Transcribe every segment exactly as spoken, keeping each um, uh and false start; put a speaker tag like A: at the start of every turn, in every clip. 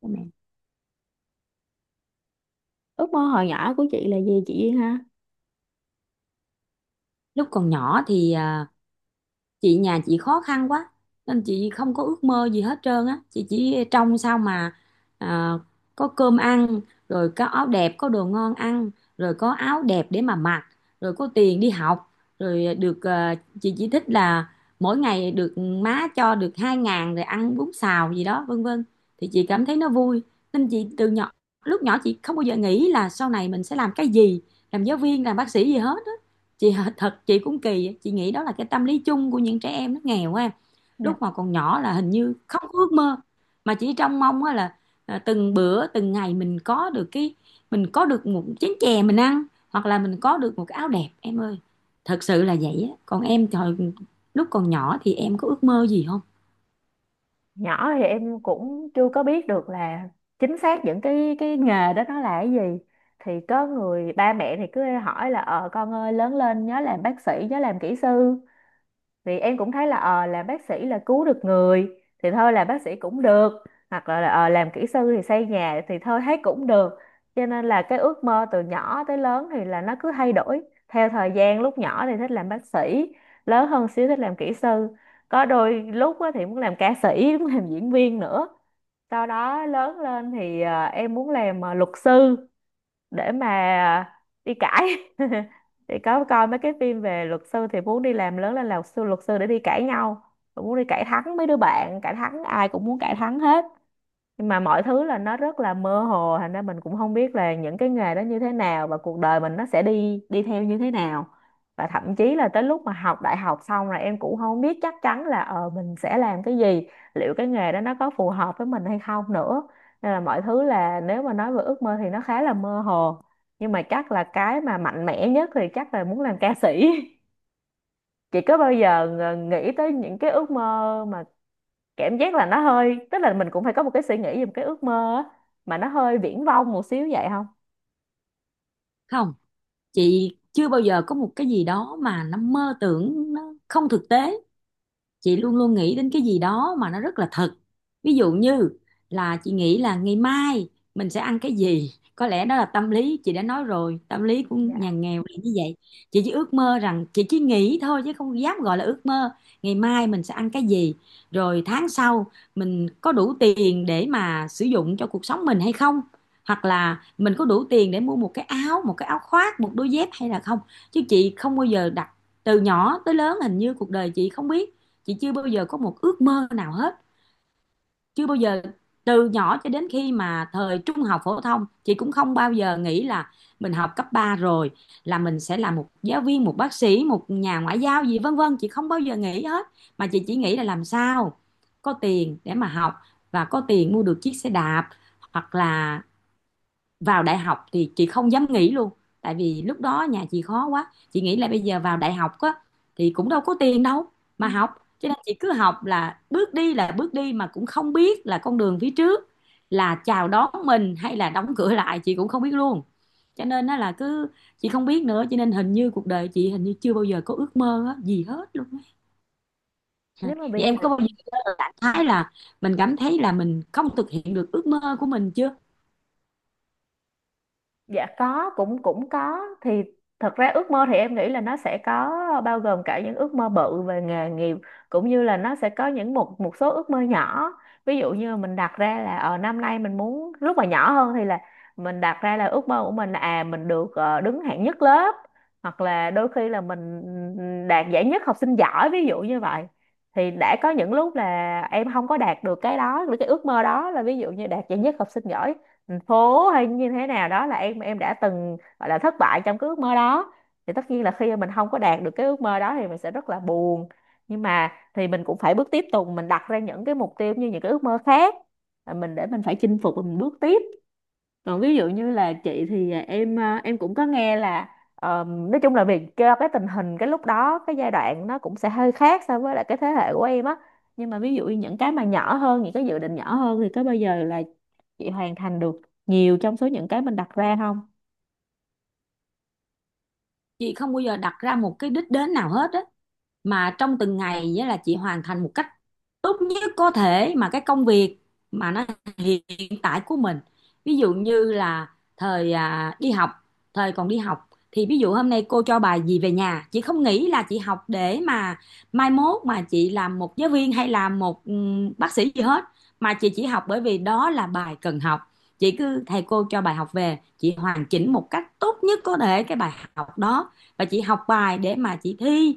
A: Cho mẹ.
B: Ước mơ hồi nhỏ của chị là gì chị Duyên ha?
A: Lúc còn nhỏ thì à, chị nhà chị khó khăn quá nên chị không có ước mơ gì hết trơn á, chị chỉ trông sao mà à, có cơm ăn, rồi có áo đẹp, có đồ ngon ăn, rồi có áo đẹp để mà mặc, rồi có tiền đi học, rồi được à, chị chỉ thích là mỗi ngày được má cho được hai ngàn rồi ăn bún xào gì đó, vân vân, thì chị cảm thấy nó vui. Nên chị từ nhỏ, lúc nhỏ, chị không bao giờ nghĩ là sau này mình sẽ làm cái gì, làm giáo viên, làm bác sĩ gì hết. Chị thật chị cũng kỳ, chị nghĩ đó là cái tâm lý chung của những trẻ em nó nghèo á em. Lúc mà còn nhỏ là hình như không có ước mơ, mà chỉ trông mong á là à, từng bữa từng ngày mình có được cái, mình có được một chén chè mình ăn, hoặc là mình có được một cái áo đẹp em ơi. Thật sự là vậy á. Còn em thời, lúc còn nhỏ thì em có ước mơ gì không?
B: Nhỏ thì em cũng chưa có biết được là chính xác những cái cái nghề đó nó là cái gì. Thì có người ba mẹ thì cứ hỏi là ờ con ơi lớn lên nhớ làm bác sĩ, nhớ làm kỹ sư. Thì em cũng thấy là ờ làm bác sĩ là cứu được người, thì thôi làm bác sĩ cũng được. Hoặc là ờ làm kỹ sư thì xây nhà, thì thôi thấy cũng được. Cho nên là cái ước mơ từ nhỏ tới lớn thì là nó cứ thay đổi theo thời gian. Lúc nhỏ thì thích làm bác sĩ, lớn hơn xíu thích làm kỹ sư, có đôi lúc á thì muốn làm ca sĩ muốn làm diễn viên nữa. Sau đó lớn lên thì ờ, em muốn làm ờ, luật sư, để mà đi cãi thì có coi mấy cái phim về luật sư thì muốn đi làm lớn lên là luật sư, luật sư để đi cãi nhau. Rồi muốn đi cãi thắng mấy đứa bạn, cãi thắng ai cũng muốn cãi thắng hết. Nhưng mà mọi thứ là nó rất là mơ hồ, thành ra mình cũng không biết là những cái nghề đó như thế nào và cuộc đời mình nó sẽ đi đi theo như thế nào. Và thậm chí là tới lúc mà học đại học xong rồi em cũng không biết chắc chắn là ờ mình sẽ làm cái gì, liệu cái nghề đó nó có phù hợp với mình hay không nữa. Nên là mọi thứ là, nếu mà nói về ước mơ thì nó khá là mơ hồ, nhưng mà chắc là cái mà mạnh mẽ nhất thì chắc là muốn làm ca sĩ. Chị có bao giờ ng- nghĩ tới những cái ước mơ mà cảm giác là nó hơi, tức là mình cũng phải có một cái suy nghĩ, một cái ước mơ á, mà nó hơi viển vông một xíu vậy không?
A: Không, chị chưa bao giờ có một cái gì đó mà nó mơ tưởng, nó không thực tế. Chị luôn luôn nghĩ đến cái gì đó mà nó rất là thật. Ví dụ như là chị nghĩ là ngày mai mình sẽ ăn cái gì, có lẽ đó là tâm lý, chị đã nói rồi, tâm lý của nhà
B: Dạ.
A: nghèo là như vậy. Chị chỉ ước mơ rằng, chị chỉ nghĩ thôi chứ không dám gọi là ước mơ, ngày mai mình sẽ ăn cái gì, rồi tháng sau mình có đủ tiền để mà sử dụng cho cuộc sống mình hay không, hoặc là mình có đủ tiền để mua một cái áo, một cái áo khoác, một đôi dép hay là không. Chứ chị không bao giờ đặt, từ nhỏ tới lớn hình như cuộc đời chị không biết, chị chưa bao giờ có một ước mơ nào hết, chưa bao giờ. Từ nhỏ cho đến khi mà thời trung học phổ thông chị cũng không bao giờ nghĩ là mình học cấp ba rồi là mình sẽ là một giáo viên, một bác sĩ, một nhà ngoại giao gì, vân vân, chị không bao giờ nghĩ hết. Mà chị chỉ nghĩ là làm sao có tiền để mà học, và có tiền mua được chiếc xe đạp. Hoặc là vào đại học thì chị không dám nghĩ luôn, tại vì lúc đó nhà chị khó quá, chị nghĩ là bây giờ vào đại học á thì cũng đâu có tiền đâu mà học. Cho nên chị cứ học, là bước đi là bước đi, mà cũng không biết là con đường phía trước là chào đón mình hay là đóng cửa lại, chị cũng không biết luôn. Cho nên á là cứ, chị không biết nữa, cho nên hình như cuộc đời chị hình như chưa bao giờ có ước mơ á, gì hết luôn á. Dạ.
B: Nếu mà
A: Vậy
B: bây giờ.
A: em có bao giờ rảnh thái là mình cảm thấy là mình không thực hiện được ước mơ của mình chưa?
B: Dạ có, cũng cũng có. Thì thật ra ước mơ thì em nghĩ là nó sẽ có, bao gồm cả những ước mơ bự về nghề nghiệp, cũng như là nó sẽ có những một một số ước mơ nhỏ. Ví dụ như mình đặt ra là ở năm nay mình muốn, lúc mà nhỏ hơn thì là mình đặt ra là ước mơ của mình là à mình được ờ, đứng hạng nhất lớp, hoặc là đôi khi là mình đạt giải nhất học sinh giỏi, ví dụ như vậy. Thì đã có những lúc là em không có đạt được cái đó, cái ước mơ đó, là ví dụ như đạt giải nhất học sinh giỏi thành phố hay như thế nào đó, là em em đã từng gọi là thất bại trong cái ước mơ đó. Thì tất nhiên là khi mà mình không có đạt được cái ước mơ đó thì mình sẽ rất là buồn, nhưng mà thì mình cũng phải bước tiếp tục, mình đặt ra những cái mục tiêu, như những cái ước mơ khác, là mình để mình phải chinh phục và mình bước tiếp. Còn ví dụ như là chị thì à, em à, em cũng có nghe là, ờm, nói chung là vì cho cái tình hình, cái lúc đó, cái giai đoạn nó cũng sẽ hơi khác so với lại cái thế hệ của em á. Nhưng mà ví dụ như những cái mà nhỏ hơn, những cái dự định nhỏ hơn, thì có bao giờ là chị hoàn thành được nhiều trong số những cái mình đặt ra không?
A: Chị không bao giờ đặt ra một cái đích đến nào hết á, mà trong từng ngày nghĩa là chị hoàn thành một cách tốt nhất có thể mà cái công việc mà nó hiện tại của mình. Ví dụ như là thời à, đi học, thời còn đi học thì ví dụ hôm nay cô cho bài gì về nhà, chị không nghĩ là chị học để mà mai mốt mà chị làm một giáo viên hay làm một ừm, bác sĩ gì hết. Mà chị chỉ học bởi vì đó là bài cần học. Chị cứ thầy cô cho bài học về chị hoàn chỉnh một cách tốt nhất có thể cái bài học đó, và chị học bài để mà chị thi,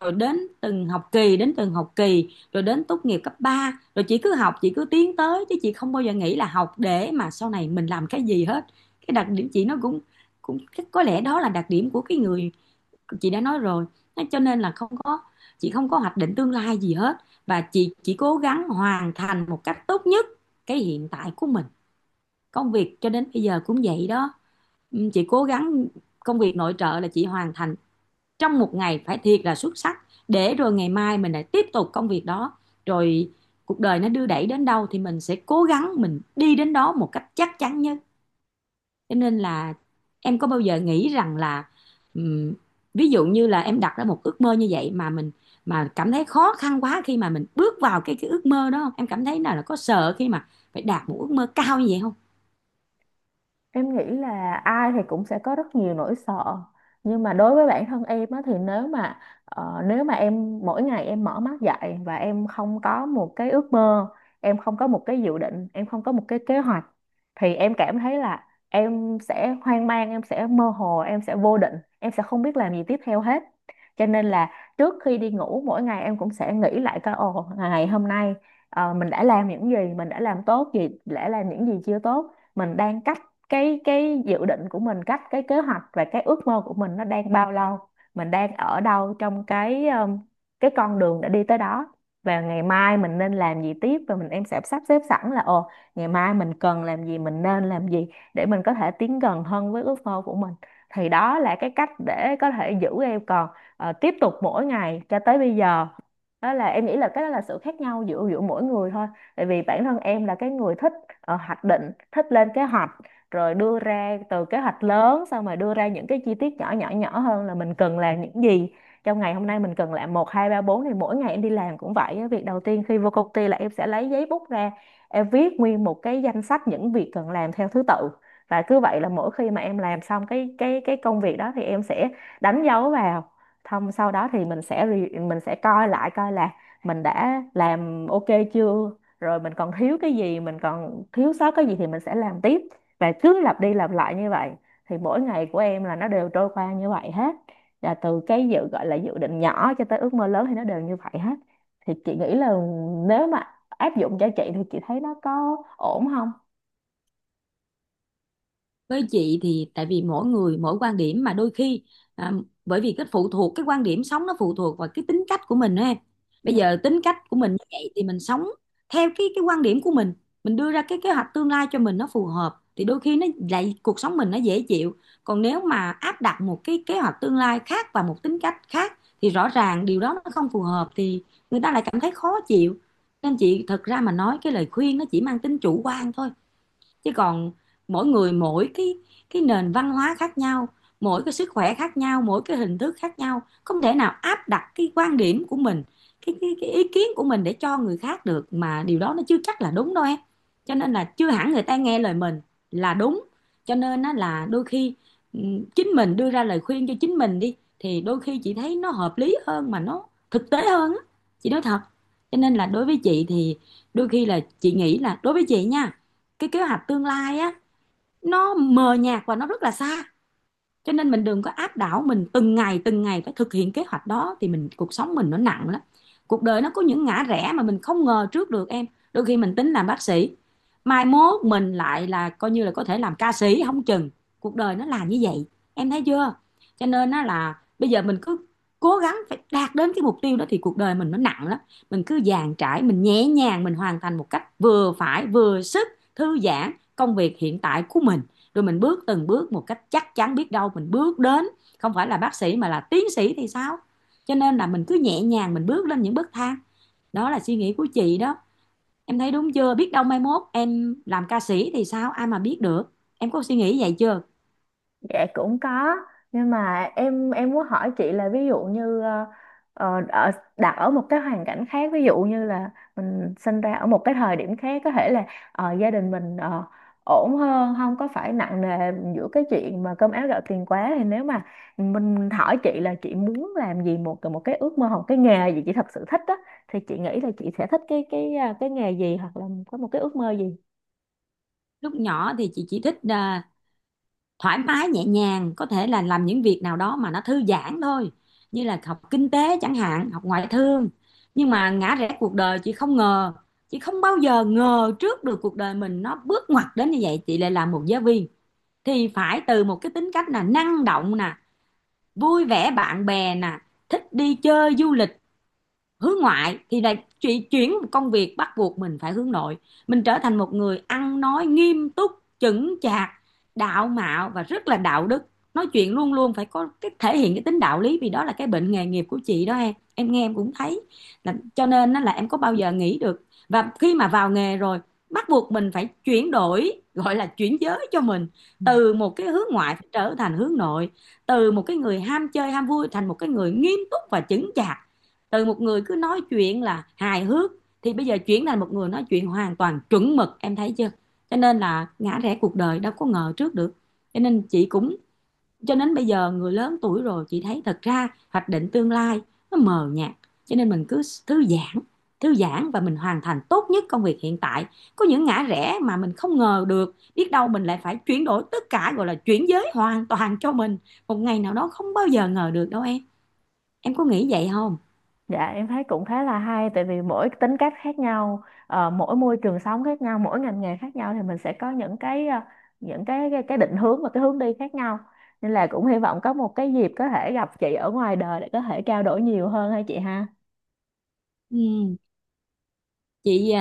A: rồi đến từng học kỳ đến từng học kỳ, rồi đến tốt nghiệp cấp ba, rồi chị cứ học, chị cứ tiến tới, chứ chị không bao giờ nghĩ là học để mà sau này mình làm cái gì hết. Cái đặc điểm chị nó cũng, cũng, có lẽ đó là đặc điểm của cái người, chị đã nói rồi. Cho nên là không có, chị không có hoạch định tương lai gì hết, và chị chỉ cố gắng hoàn thành một cách tốt nhất cái hiện tại của mình. Công việc cho đến bây giờ cũng vậy đó. Ừ, chị cố gắng công việc nội trợ là chị hoàn thành trong một ngày phải thiệt là xuất sắc, để rồi ngày mai mình lại tiếp tục công việc đó. Rồi cuộc đời nó đưa đẩy đến đâu thì mình sẽ cố gắng mình đi đến đó một cách chắc chắn nhất. Cho nên là em có bao giờ nghĩ rằng là ừm, ví dụ như là em đặt ra một ước mơ như vậy mà mình, mà cảm thấy khó khăn quá khi mà mình bước vào cái cái ước mơ đó không, em cảm thấy nào là có sợ khi mà phải đạt một ước mơ cao như vậy không?
B: Em nghĩ là ai thì cũng sẽ có rất nhiều nỗi sợ, nhưng mà đối với bản thân em á, thì nếu mà ờ, nếu mà em mỗi ngày em mở mắt dậy và em không có một cái ước mơ, em không có một cái dự định, em không có một cái kế hoạch, thì em cảm thấy là em sẽ hoang mang, em sẽ mơ hồ, em sẽ vô định, em sẽ không biết làm gì tiếp theo hết. Cho nên là trước khi đi ngủ mỗi ngày em cũng sẽ nghĩ lại coi, ồ, ngày hôm nay ờ, mình đã làm những gì, mình đã làm tốt gì, đã làm những gì chưa tốt, mình đang cách cái cái dự định của mình, cách cái kế hoạch và cái ước mơ của mình nó đang bao lâu, mình đang ở đâu trong cái um, cái con đường đã đi tới đó, và ngày mai mình nên làm gì tiếp, và mình em sẽ sắp xếp sẵn là, ồ, ngày mai mình cần làm gì, mình nên làm gì, để mình có thể tiến gần hơn với ước mơ của mình. Thì đó là cái cách để có thể giữ em còn ờ, tiếp tục mỗi ngày cho tới bây giờ. Đó là em nghĩ là cái đó là sự khác nhau giữa giữa mỗi người thôi. Tại vì bản thân em là cái người thích ờ, hoạch định, thích lên kế hoạch, rồi đưa ra từ kế hoạch lớn, xong rồi đưa ra những cái chi tiết nhỏ nhỏ nhỏ hơn là mình cần làm những gì. Trong ngày hôm nay mình cần làm một, hai, ba, bốn, thì mỗi ngày em đi làm cũng vậy á. Việc đầu tiên khi vô công ty là em sẽ lấy giấy bút ra, em viết nguyên một cái danh sách những việc cần làm theo thứ tự, và cứ vậy là mỗi khi mà em làm xong cái cái cái công việc đó thì em sẽ đánh dấu vào. Thông sau đó thì mình sẽ re- mình sẽ coi lại coi là mình đã làm ok chưa, rồi mình còn thiếu cái gì, mình còn thiếu sót cái gì thì mình sẽ làm tiếp, và cứ lặp đi lặp lại như vậy. Thì mỗi ngày của em là nó đều trôi qua như vậy hết. Là từ cái dự gọi là dự định nhỏ cho tới ước mơ lớn thì nó đều như vậy hết. Thì chị nghĩ là nếu mà áp dụng cho chị thì chị thấy nó có ổn không?
A: Với chị thì tại vì mỗi người mỗi quan điểm, mà đôi khi à, bởi vì cái phụ thuộc cái quan điểm sống, nó phụ thuộc vào cái tính cách của mình đó em. Bây
B: Dạ.
A: giờ tính cách của mình như vậy thì mình sống theo cái cái quan điểm của mình mình đưa ra cái kế hoạch tương lai cho mình nó phù hợp thì đôi khi nó lại cuộc sống mình nó dễ chịu. Còn nếu mà áp đặt một cái kế hoạch tương lai khác và một tính cách khác thì rõ ràng điều đó nó không phù hợp, thì người ta lại cảm thấy khó chịu. Nên chị thật ra mà nói cái lời khuyên nó chỉ mang tính chủ quan thôi, chứ còn mỗi người mỗi cái cái nền văn hóa khác nhau, mỗi cái sức khỏe khác nhau, mỗi cái hình thức khác nhau, không thể nào áp đặt cái quan điểm của mình, cái cái, cái ý kiến của mình để cho người khác được, mà điều đó nó chưa chắc là đúng đâu em. Cho nên là chưa hẳn người ta nghe lời mình là đúng. Cho nên á là đôi khi ừm, chính mình đưa ra lời khuyên cho chính mình đi thì đôi khi chị thấy nó hợp lý hơn mà nó thực tế hơn á, chị nói thật. Cho nên là đối với chị thì đôi khi là chị nghĩ là đối với chị nha, cái kế hoạch tương lai á, nó mờ nhạt và nó rất là xa. Cho nên mình đừng có áp đảo mình từng ngày từng ngày phải thực hiện kế hoạch đó, thì mình cuộc sống mình nó nặng lắm. Cuộc đời nó có những ngã rẽ mà mình không ngờ trước được em. Đôi khi mình tính làm bác sĩ, mai mốt mình lại là coi như là có thể làm ca sĩ không chừng. Cuộc đời nó là như vậy, em thấy chưa? Cho nên á là bây giờ mình cứ cố gắng phải đạt đến cái mục tiêu đó thì cuộc đời mình nó nặng lắm. Mình cứ dàn trải, mình nhẹ nhàng, mình hoàn thành một cách vừa phải vừa sức, thư giãn công việc hiện tại của mình, rồi mình bước từng bước một cách chắc chắn, biết đâu mình bước đến không phải là bác sĩ mà là tiến sĩ thì sao. Cho nên là mình cứ nhẹ nhàng mình bước lên những bậc thang. Đó là suy nghĩ của chị đó. Em thấy đúng chưa, biết đâu mai mốt em làm ca sĩ thì sao, ai mà biết được. Em có suy nghĩ vậy chưa?
B: Dạ cũng có, nhưng mà em em muốn hỏi chị là, ví dụ như ờ, ờ, ở đặt ở một cái hoàn cảnh khác, ví dụ như là mình sinh ra ở một cái thời điểm khác, có thể là ờ, gia đình mình ờ, ổn hơn, không có phải nặng nề giữa cái chuyện mà cơm áo gạo tiền quá, thì nếu mà mình hỏi chị là chị muốn làm gì, một một cái ước mơ hoặc cái nghề gì chị thật sự thích á, thì chị nghĩ là chị sẽ thích cái cái ờ, cái nghề gì, hoặc là có một cái ước mơ gì?
A: Lúc nhỏ thì chị chỉ thích à, thoải mái nhẹ nhàng, có thể là làm những việc nào đó mà nó thư giãn thôi, như là học kinh tế chẳng hạn, học ngoại thương. Nhưng mà ngã rẽ cuộc đời chị không ngờ, chị không bao giờ ngờ trước được cuộc đời mình nó bước ngoặt đến như vậy, chị lại làm một giáo viên. Thì phải từ một cái tính cách là năng động nè, vui vẻ bạn bè nè, thích đi chơi du lịch, hướng ngoại, thì lại chuyển chuyển một công việc bắt buộc mình phải hướng nội. Mình trở thành một người ăn nói nghiêm túc, chững chạc, đạo mạo và rất là đạo đức, nói chuyện luôn luôn phải có cái thể hiện cái tính đạo lý, vì đó là cái bệnh nghề nghiệp của chị đó em em nghe em cũng thấy. Là cho nên á là em có bao giờ nghĩ được, và khi mà vào nghề rồi bắt buộc mình phải chuyển đổi, gọi là chuyển giới cho mình, từ một cái hướng ngoại trở thành hướng nội, từ một cái người ham chơi ham vui thành một cái người nghiêm túc và chững chạc, từ một người cứ nói chuyện là hài hước thì bây giờ chuyển thành một người nói chuyện hoàn toàn chuẩn mực, em thấy chưa. Cho nên là ngã rẽ cuộc đời đâu có ngờ trước được. Cho nên chị cũng, cho đến bây giờ người lớn tuổi rồi, chị thấy thật ra hoạch định tương lai nó mờ nhạt. Cho nên mình cứ thư giãn, thư giãn, và mình hoàn thành tốt nhất công việc hiện tại. Có những ngã rẽ mà mình không ngờ được, biết đâu mình lại phải chuyển đổi tất cả, gọi là chuyển giới hoàn toàn cho mình một ngày nào đó, không bao giờ ngờ được đâu em. Em có nghĩ vậy không?
B: Dạ em thấy cũng khá là hay, tại vì mỗi tính cách khác nhau, ờ, mỗi môi trường sống khác nhau, mỗi ngành nghề khác nhau thì mình sẽ có những cái ờ, những cái, cái cái định hướng và cái hướng đi khác nhau. Nên là cũng hy vọng có một cái dịp có thể gặp chị ở ngoài đời để có thể trao đổi nhiều hơn, hay chị ha.
A: Ừ, chị